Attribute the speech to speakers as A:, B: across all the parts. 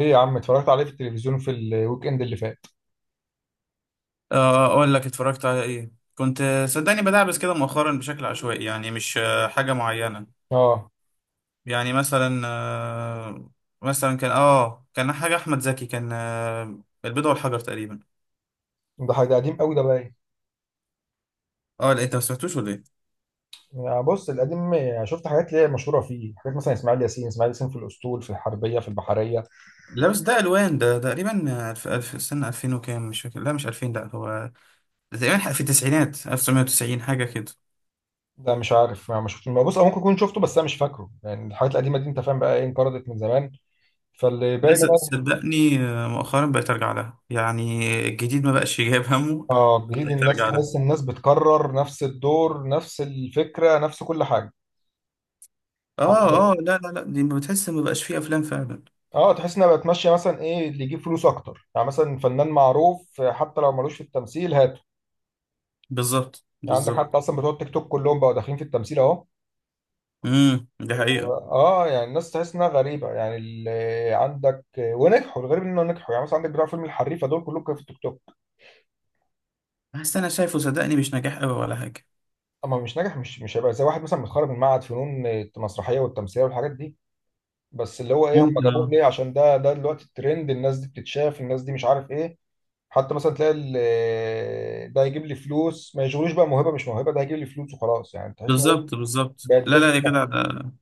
A: ايه يا عم، اتفرجت عليه في التلفزيون في الويك اند اللي فات.
B: اقول لك اتفرجت على ايه. كنت صدقني بدعبس كده مؤخرا بشكل عشوائي، يعني مش حاجه معينه.
A: اه،
B: يعني مثلا كان حاجه، احمد زكي كان البيضه والحجر تقريبا.
A: ده حاجه قديم قوي ده باين.
B: اه لا، انت ما سمعتوش ولا ايه؟
A: يعني بص، القديم شفت حاجات اللي هي مشهوره فيه، حاجات مثلا اسماعيل ياسين، اسماعيل ياسين في الاسطول، في الحربيه، في البحريه.
B: لا بس ده الوان، ده تقريبا الف سنه 2000 وكام، مش فاكر. لا مش 2000، لا هو ده تقريبا في التسعينات، 1990 حاجه كده.
A: ده مش عارف، ما شفت ما بص، او ممكن اكون شفته بس انا مش فاكره. يعني الحاجات القديمه دي انت فاهم بقى ايه، انقرضت من زمان. فاللي باين
B: لسه
A: بقى
B: صدقني مؤخرا بقيت ارجع لها، يعني الجديد ما بقاش جايب همه.
A: اه جديد،
B: بقيت
A: الناس
B: ارجع لها.
A: تحس الناس بتكرر نفس الدور، نفس الفكره، نفس كل حاجه.
B: اه
A: عندك-
B: اه، لا لا لا، دي بتحس ما بقاش فيه افلام فعلا.
A: اه تحس انها بقت ماشيه مثلا ايه اللي يجيب فلوس اكتر، يعني مثلا فنان معروف، حتى لو ملوش في التمثيل هات.
B: بالظبط
A: يعني عندك
B: بالظبط.
A: حتى اصلا بتوع التيك توك كلهم بقوا داخلين في التمثيل اهو.
B: دي حقيقه.
A: اه يعني الناس تحس انها غريبه، يعني اللي عندك ونجحوا، الغريب انه نجحوا، يعني مثلا عندك بتوع فيلم الحريفه دول كلهم كانوا في التيك توك.
B: بس انا شايفه صدقني مش نجاح قوي ولا حاجه.
A: اما مش ناجح، مش هيبقى زي واحد مثلا متخرج من معهد فنون المسرحيه والتمثيليه والحاجات دي. بس اللي هو ايه، هم
B: ممكن،
A: جابوه
B: اه.
A: ليه؟ عشان ده دلوقتي الترند، الناس دي بتتشاف، الناس دي مش عارف ايه. حتى مثلا تلاقي ده يجيب لي فلوس ما يشغلوش بقى موهبه مش موهبه، ده هيجيب لي فلوس وخلاص. يعني تحس ان هو
B: بالظبط بالظبط،
A: بقت
B: لا لا
A: بيزنس
B: يا جدع
A: أكتر.
B: ده.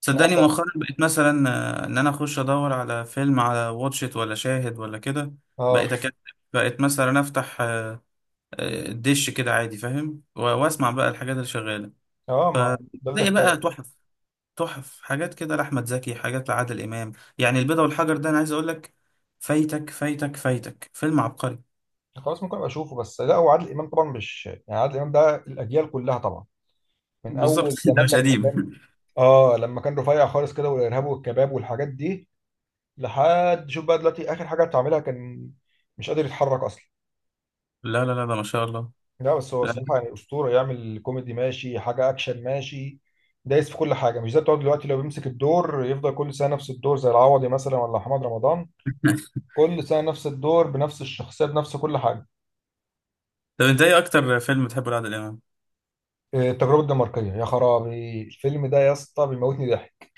B: صدقني مؤخرا بقيت مثلا، ان انا اخش ادور على فيلم على واتشيت ولا شاهد ولا كده. بقيت
A: اه
B: اكتب. بقيت مثلا افتح الدش كده عادي فاهم، واسمع بقى الحاجات اللي شغاله.
A: اه، ما ده اللي
B: تلاقي
A: اختار.
B: بقى تحف، تحف حاجات كده لأحمد زكي، حاجات لعادل إمام. يعني البيضة والحجر، ده أنا عايز أقول لك، فايتك فايتك فايتك، فيلم عبقري.
A: خلاص، ممكن ابقى اشوفه. بس لا، هو عادل امام طبعا، مش يعني، عادل امام ده الاجيال كلها طبعا، من
B: بالظبط.
A: اول
B: ده
A: زمان
B: مش
A: لما
B: قديم.
A: كان، اه لما كان رفيع خالص كده، والارهاب والكباب والحاجات دي، لحد شوف بقى دلوقتي اخر حاجه بتعملها كان مش قادر يتحرك اصلا.
B: لا لا لا، ده ما شاء الله.
A: لا بس هو
B: لا.
A: الصراحه يعني اسطوره، يعمل كوميدي ماشي، حاجه اكشن ماشي، دايس في كل حاجه. مش زي بتوع دلوقتي، لو بيمسك الدور يفضل كل سنه نفس الدور، زي العوضي مثلا ولا محمد رمضان، كل سنه نفس الدور بنفس الشخصيه بنفس كل حاجه.
B: طب أنت إيه أكتر فيلم بتحبه لعادل إمام؟
A: إيه، التجربة الدنماركية، يا خرابي الفيلم ده يا اسطى بيموتني ضحك.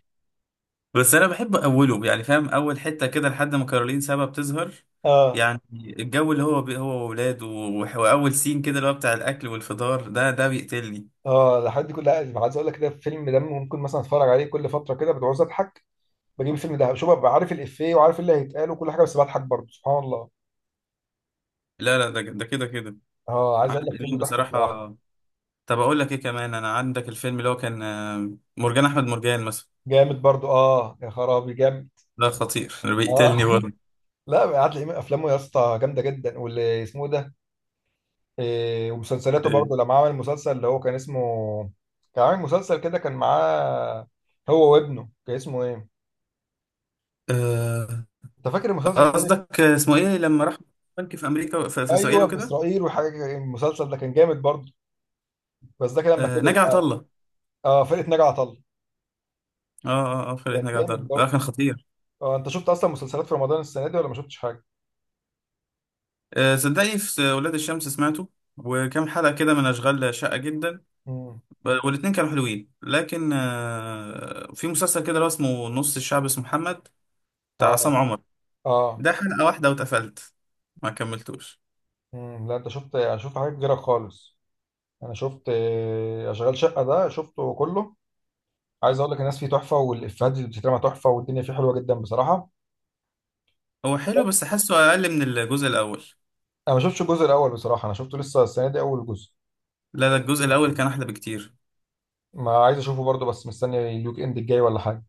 B: بس أنا بحب أوله، يعني فاهم، أول حتة كده لحد ما كارولين سابا بتظهر.
A: اه
B: يعني الجو اللي هو هو وولاده، وأول سين كده اللي هو بتاع الأكل والفطار، ده بيقتلني.
A: اه، لحد كل، عايز اقول لك كده الفيلم ده ممكن مثلا اتفرج عليه كل فترة كده، بتعوز اضحك بجيب الفيلم ده، شوف، ببقى عارف الافيه وعارف إيه اللي هيتقال وكل حاجة، بس بضحك برضه، سبحان الله.
B: لا لا، ده ده كده كده.
A: اه عايز اقول لك
B: عادل
A: فيلم
B: إمام
A: تحفة
B: بصراحة.
A: بصراحة.
B: طب اقول لك ايه كمان، انا عندك الفيلم اللي هو كان مرجان احمد مرجان مثلا.
A: جامد برضه، اه يا خرابي جامد.
B: ده خطير.
A: اه،
B: بيقتلني برضه.
A: لا، قعد لي افلامه يا اسطى جامدة جدا. واللي اسمه إيه ده، إيه؟ ومسلسلاته
B: إيه.
A: برضه، لما عمل مسلسل اللي هو كان اسمه، كان عامل مسلسل كده، كان معاه هو وابنه، كان اسمه ايه؟
B: آه،
A: انت فاكر المسلسل طيب؟
B: قصدك اسمه ايه لما راح بنك في امريكا، في اسرائيل
A: ايوه، في
B: وكده.
A: اسرائيل وحاجه كده. المسلسل ده كان جامد برضه، بس ده كان لما كبر
B: نجع عطا
A: بقى.
B: الله.
A: اه، فرقه ناجي عطا الله.
B: اه اه اه، فرقة
A: كان
B: نجع عطا
A: جامد
B: الله، ده
A: برضه.
B: كان خطير.
A: اه، انت شفت اصلا مسلسلات في رمضان السنه دي ولا ما شفتش حاجه؟
B: صدقني في ولاد الشمس سمعته، وكام حلقة كده من أشغال شاقة جدا.
A: امم،
B: والاتنين كانوا حلوين، لكن في مسلسل كده اللي هو اسمه نص الشعب، اسمه محمد، بتاع
A: اه
B: عصام عمر.
A: اه.
B: ده حلقة واحدة واتقفلت، ما كملتوش.
A: امم، لا، انت شفت؟ انا شفت حاجات كتيره خالص. انا شفت اشغال شقه ده شفته كله. عايز اقول لك الناس فيه تحفه، والافيهات اللي بتترمى تحفه، والدنيا فيه حلوه جدا بصراحه.
B: هو حلو بس حاسه اقل من الجزء الاول.
A: انا ما شفتش الجزء الاول بصراحه، انا شفته لسه السنه دي اول جزء.
B: لا لا، الجزء الاول كان احلى بكتير.
A: ما عايز اشوفه برضه، بس مستني الويك اند الجاي ولا حاجه.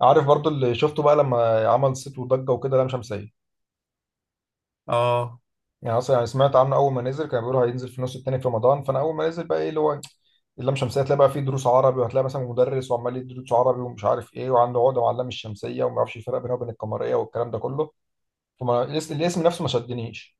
A: عارف برضو اللي شفته بقى لما عمل صيت وضجه وكده، لام شمسيه.
B: اه
A: يعني اصلا، يعني سمعت عنه اول ما نزل كانوا بيقولوا هينزل في النص التاني في رمضان، فانا اول ما نزل بقى ايه اللي هو اللام شمسيه، هتلاقي بقى فيه دروس عربي، وهتلاقي مثلا مدرس وعمال يدي دروس عربي ومش عارف ايه، وعنده عقده مع اللام الشمسيه وما يعرفش الفرق بينها وبين القمريه والكلام ده كله. فما الاسم نفسه ما شدنيش.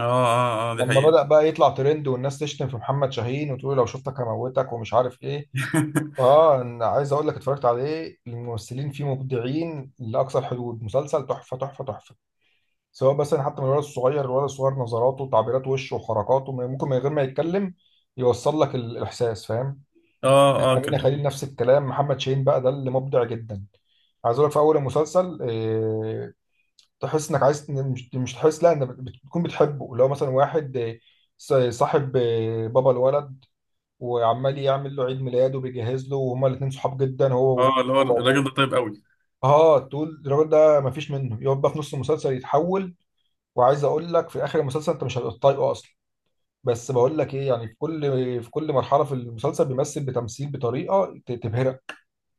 B: اه اه اه، دي
A: لما
B: حقيقة.
A: بدأ بقى يطلع ترند والناس تشتم في محمد شاهين وتقول لو شفتك هموتك ومش عارف ايه، اه انا عايز اقول لك اتفرجت عليه، الممثلين فيه مبدعين لاقصى الحدود، مسلسل تحفه تحفه تحفه. سواء مثلا حتى من الولد الصغير، الولد الصغير نظراته، تعبيرات وشه وحركاته، ممكن من غير ما يتكلم يوصل لك الاحساس فاهم.
B: اه اه، كان
A: امينه خليل
B: حلو.
A: نفس الكلام، محمد شاهين بقى ده اللي مبدع جدا. عايز اقول لك في اول المسلسل، تحس انك عايز، مش تحس، لا، انك بتكون بتحبه، اللي هو مثلا واحد، صاحب، بابا الولد. وعمال يعمل له عيد ميلاده وبيجهز له، وهما الاثنين صحاب جدا، هو
B: اه، اللي هو
A: هو
B: الراجل
A: وابوه.
B: ده طيب قوي.
A: اه تقول الراجل ده مفيش منه. يقعد بقى في نص المسلسل يتحول، وعايز اقول لك في اخر المسلسل انت مش هتبقى طايقه اصلا. بس بقول لك ايه، يعني في كل، في كل مرحله في المسلسل بيمثل بتمثيل بطريقه تبهرك.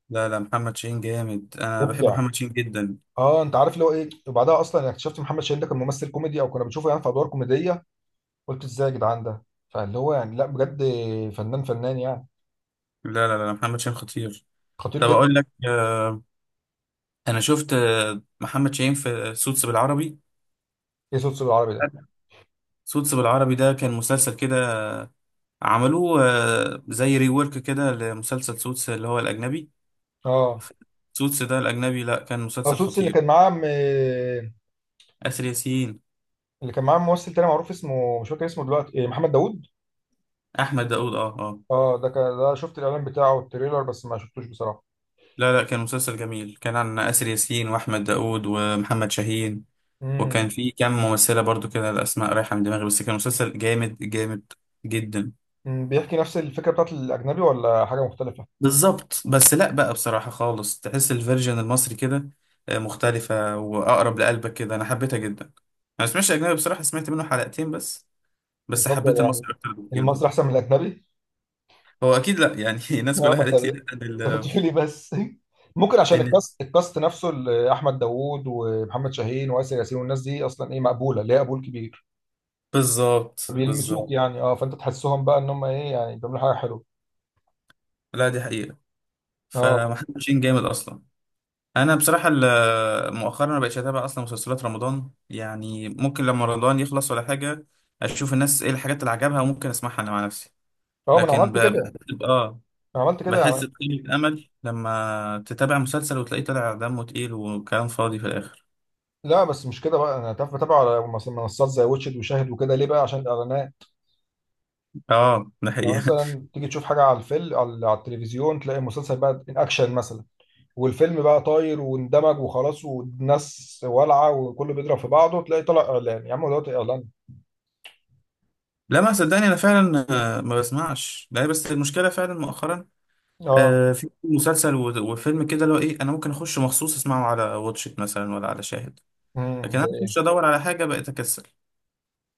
B: لا لا، محمد شاهين جامد، انا بحب
A: مبدع.
B: محمد شاهين جدا.
A: اه، انت عارف اللي هو ايه؟ وبعدها اصلا يعني اكتشفت محمد شاهين ده كان ممثل كوميدي، او كنا بنشوفه يعني في ادوار كوميديه، قلت ازاي يا جدعان ده؟ فاللي هو يعني لا بجد، فنان فنان يعني.
B: لا لا لا، محمد شاهين خطير.
A: خطير
B: طب
A: جدا.
B: اقول لك، انا شفت محمد شاهين في سوتس بالعربي.
A: ايه صوت العربي ده؟
B: سوتس بالعربي ده كان مسلسل كده، عملوه زي ريورك كده لمسلسل سوتس اللي هو الأجنبي.
A: اه،
B: سوتس ده الأجنبي، لا كان مسلسل
A: سوتس اللي
B: خطير.
A: كان معاه م...
B: آسر ياسين.
A: اللي كان معاه ممثل تاني معروف اسمه مش فاكر اسمه دلوقتي إيه، محمد داوود.
B: أحمد داوود، أه أه.
A: اه ده كان، ده شفت الاعلان بتاعه والتريلر بس ما شفتوش بصراحه.
B: لا لا، كان مسلسل جميل كان عن آسر ياسين وأحمد داوود ومحمد شاهين، وكان
A: امم.
B: في كام ممثلة برضو كده، الأسماء رايحة من دماغي، بس كان مسلسل جامد جامد جدا.
A: مم، بيحكي نفس الفكرة بتاعت الأجنبي ولا حاجة مختلفة؟
B: بالظبط، بس لا بقى بصراحة خالص تحس الفيرجن المصري كده مختلفة وأقرب لقلبك كده، أنا حبيتها جدا أنا. ما سمعتش أجنبي بصراحة، سمعت منه حلقتين بس. بس حبيت
A: يفضل يعني
B: المصري أكتر بكتير
A: المصري
B: برضه.
A: أحسن من الأجنبي؟
B: هو أكيد لا يعني. الناس
A: اه،
B: كلها
A: ما أنت
B: قالت لي لا،
A: أنت بتقول لي بس. ممكن عشان
B: إن-
A: الكاست، الكاست نفسه اللي أحمد داوود ومحمد شاهين وآسر ياسين والناس دي أصلا إيه، مقبولة، ليها قبول كبير،
B: بالظبط
A: بيلمسوك
B: بالظبط.
A: يعني. أه، فأنت تحسهم بقى إن هم إيه، يعني بيعملوا حاجة حلوة.
B: لا دي حقيقة.
A: أه
B: فمحدش جامد اصلا. انا بصراحه مؤخرا ما بقتش اتابع اصلا مسلسلات رمضان، يعني ممكن لما رمضان يخلص ولا حاجه، اشوف الناس ايه الحاجات اللي عجبها، وممكن اسمعها انا مع نفسي.
A: أه، ما أنا
B: لكن
A: عملت كده.
B: اه،
A: أنا عملت كده
B: بحس
A: يعني.
B: بقيمه امل لما تتابع مسلسل وتلاقيه طلع دمه تقيل وكلام فاضي في الاخر.
A: لا بس مش كده بقى، أنا بتابع على منصات زي واتشد وشاهد وكده. ليه بقى؟ عشان الإعلانات.
B: اه ده
A: لو
B: حقيقه.
A: مثلا تيجي تشوف حاجة على الفيلم، على على التلفزيون، تلاقي مسلسل بقى إن أكشن مثلا، والفيلم بقى طاير واندمج وخلاص والناس والعه وكله بيضرب في بعضه، تلاقي طلع اعلان. يا عم، هو دلوقتي اعلان؟
B: لا، ما صدقني انا فعلا ما بسمعش. لا بس المشكله فعلا مؤخرا
A: اه.
B: في مسلسل وفيلم كده اللي هو ايه، انا ممكن اخش مخصوص اسمعه على واتشت مثلا ولا على شاهد.
A: امم،
B: لكن
A: زي
B: انا
A: ايه؟
B: اخش ادور على حاجه بقيت اكسل.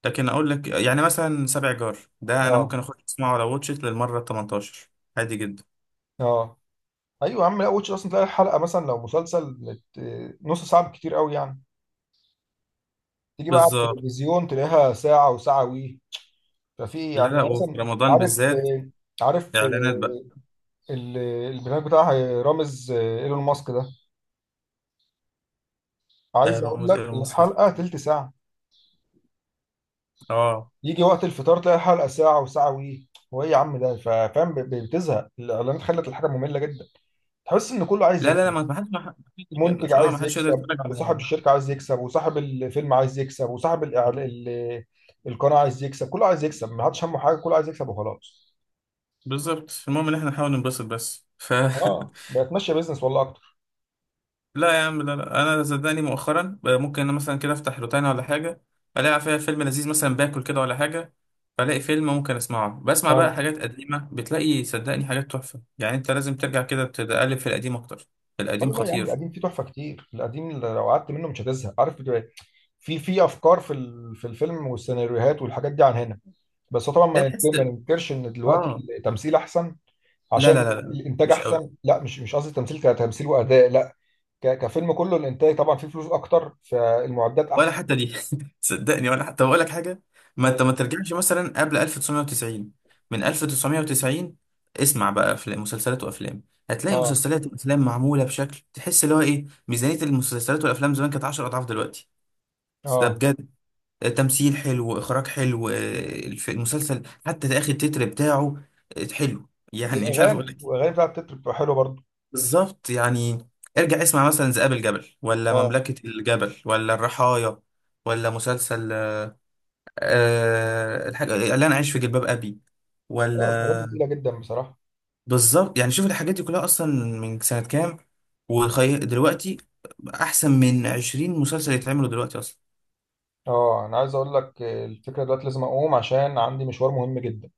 B: لكن اقول لك يعني مثلا سبع جار ده انا
A: اه
B: ممكن اخش اسمعه على واتشت للمره 18. عادي جدا.
A: اه، ايوه يا عم، لا، واتش اصلا تلاقي الحلقه مثلا لو مسلسل نص ساعه بالكتير قوي يعني، تيجي بقى على
B: بالظبط.
A: التلفزيون تلاقيها ساعه وساعه وي. ففي
B: لا
A: يعني
B: لا، وفي
A: مثلا،
B: رمضان
A: عارف،
B: بالذات
A: عارف،
B: اعلانات بقى.
A: ال- البرنامج بتاع رامز ايلون ماسك ده،
B: آه،
A: عايز اقول
B: رمز
A: لك
B: ايلون ماسك.
A: الحلقه تلت ساعه.
B: اه،
A: يجي وقت الفطار تلاقي حلقه ساعه وساعه وي. هو ايه يا عم ده، فاهم، بتزهق الاعلانات، خلت الحاجه ممله جدا. تحس ان كله عايز
B: لا لا لا،
A: يكسب،
B: ما حدش، ما حدش يقدر،
A: منتج
B: ما
A: عايز
B: حدش يقدر
A: يكسب،
B: يتفرج
A: وصاحب
B: على.
A: الشركه عايز يكسب، وصاحب الفيلم عايز يكسب، وصاحب الإعل... ال... القناه عايز يكسب، كله عايز يكسب، ما حدش همه حاجه، كله عايز يكسب وخلاص.
B: بالظبط، المهم ان احنا نحاول ننبسط بس
A: اه بقت ماشيه بيزنس والله اكتر.
B: لا يا عم، لا لا، انا صدقني مؤخرا بقى ممكن انا مثلا كده افتح روتانا ولا حاجه، الاقي فيها فيلم لذيذ مثلا باكل كده ولا حاجه، فالاقي فيلم ممكن اسمعه. بسمع
A: اه
B: بقى حاجات قديمه، بتلاقي صدقني حاجات تحفه، يعني انت لازم ترجع كده تقلب في القديم اكتر. القديم
A: والله يا عم القديم
B: خطير.
A: فيه تحفه كتير، القديم لو قعدت منه مش هتزهق، عارف؟ في في افكار في في الفيلم والسيناريوهات والحاجات دي عن هنا. بس هو طبعا
B: لا
A: ما
B: تحس.
A: ما ننكرش ان دلوقتي
B: اه.
A: التمثيل احسن،
B: لا
A: عشان
B: لا لا لا،
A: الانتاج
B: مش قوي.
A: احسن. لا مش، مش قصدي تمثيل كتمثيل واداء، لا، كفيلم كله، الانتاج طبعا فيه فلوس اكتر، فالمعدات
B: ولا
A: احسن.
B: حتى دي. صدقني ولا حتى بقول لك حاجه، ما انت ما
A: اه
B: ترجعش مثلا قبل 1990، من 1990 اسمع بقى افلام، مسلسلات وافلام، هتلاقي
A: اه
B: مسلسلات وافلام معموله بشكل تحس اللي هو ايه، ميزانيه المسلسلات والافلام زمان كانت 10 اضعاف دلوقتي. ده
A: آه.
B: بجد. تمثيل حلو، اخراج حلو، المسلسل حتى اخر التتر بتاعه حلو، يعني مش عارف اقول
A: والاغاني،
B: لك إيه.
A: والاغاني بتاعت التتر بتبقى حلوه برضو.
B: بالظبط يعني. ارجع اسمع مثلا ذئاب الجبل، ولا
A: اه
B: مملكه الجبل، ولا الرحايا، ولا مسلسل الحاجة اللي انا عايش في جلباب ابي،
A: اه، الحاجات دي
B: ولا
A: تقيله جدا بصراحه.
B: بالظبط يعني. شوف الحاجات دي كلها اصلا من سنة كام، دلوقتي احسن من 20 مسلسل يتعملوا دلوقتي اصلا.
A: اه انا عايز اقول لك، الفكره دلوقتي لازم اقوم عشان عندي مشوار مهم جدا.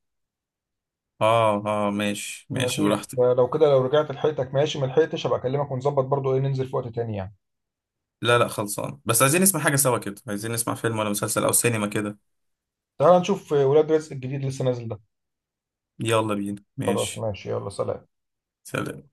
B: اه اه ماشي ماشي
A: ماشي،
B: براحتك.
A: فلو كده لو رجعت لحقتك ماشي، ما لحقتش هبقى اكلمك ونظبط برضو ايه ننزل في وقت تاني يعني.
B: لا لا خلصان، بس عايزين نسمع حاجة سوا كده، عايزين نسمع فيلم ولا مسلسل او سينما كده.
A: تعال نشوف ولاد رزق الجديد لسه نازل ده.
B: يلا بينا
A: خلاص
B: ماشي.
A: ماشي، يلا سلام.
B: سلام.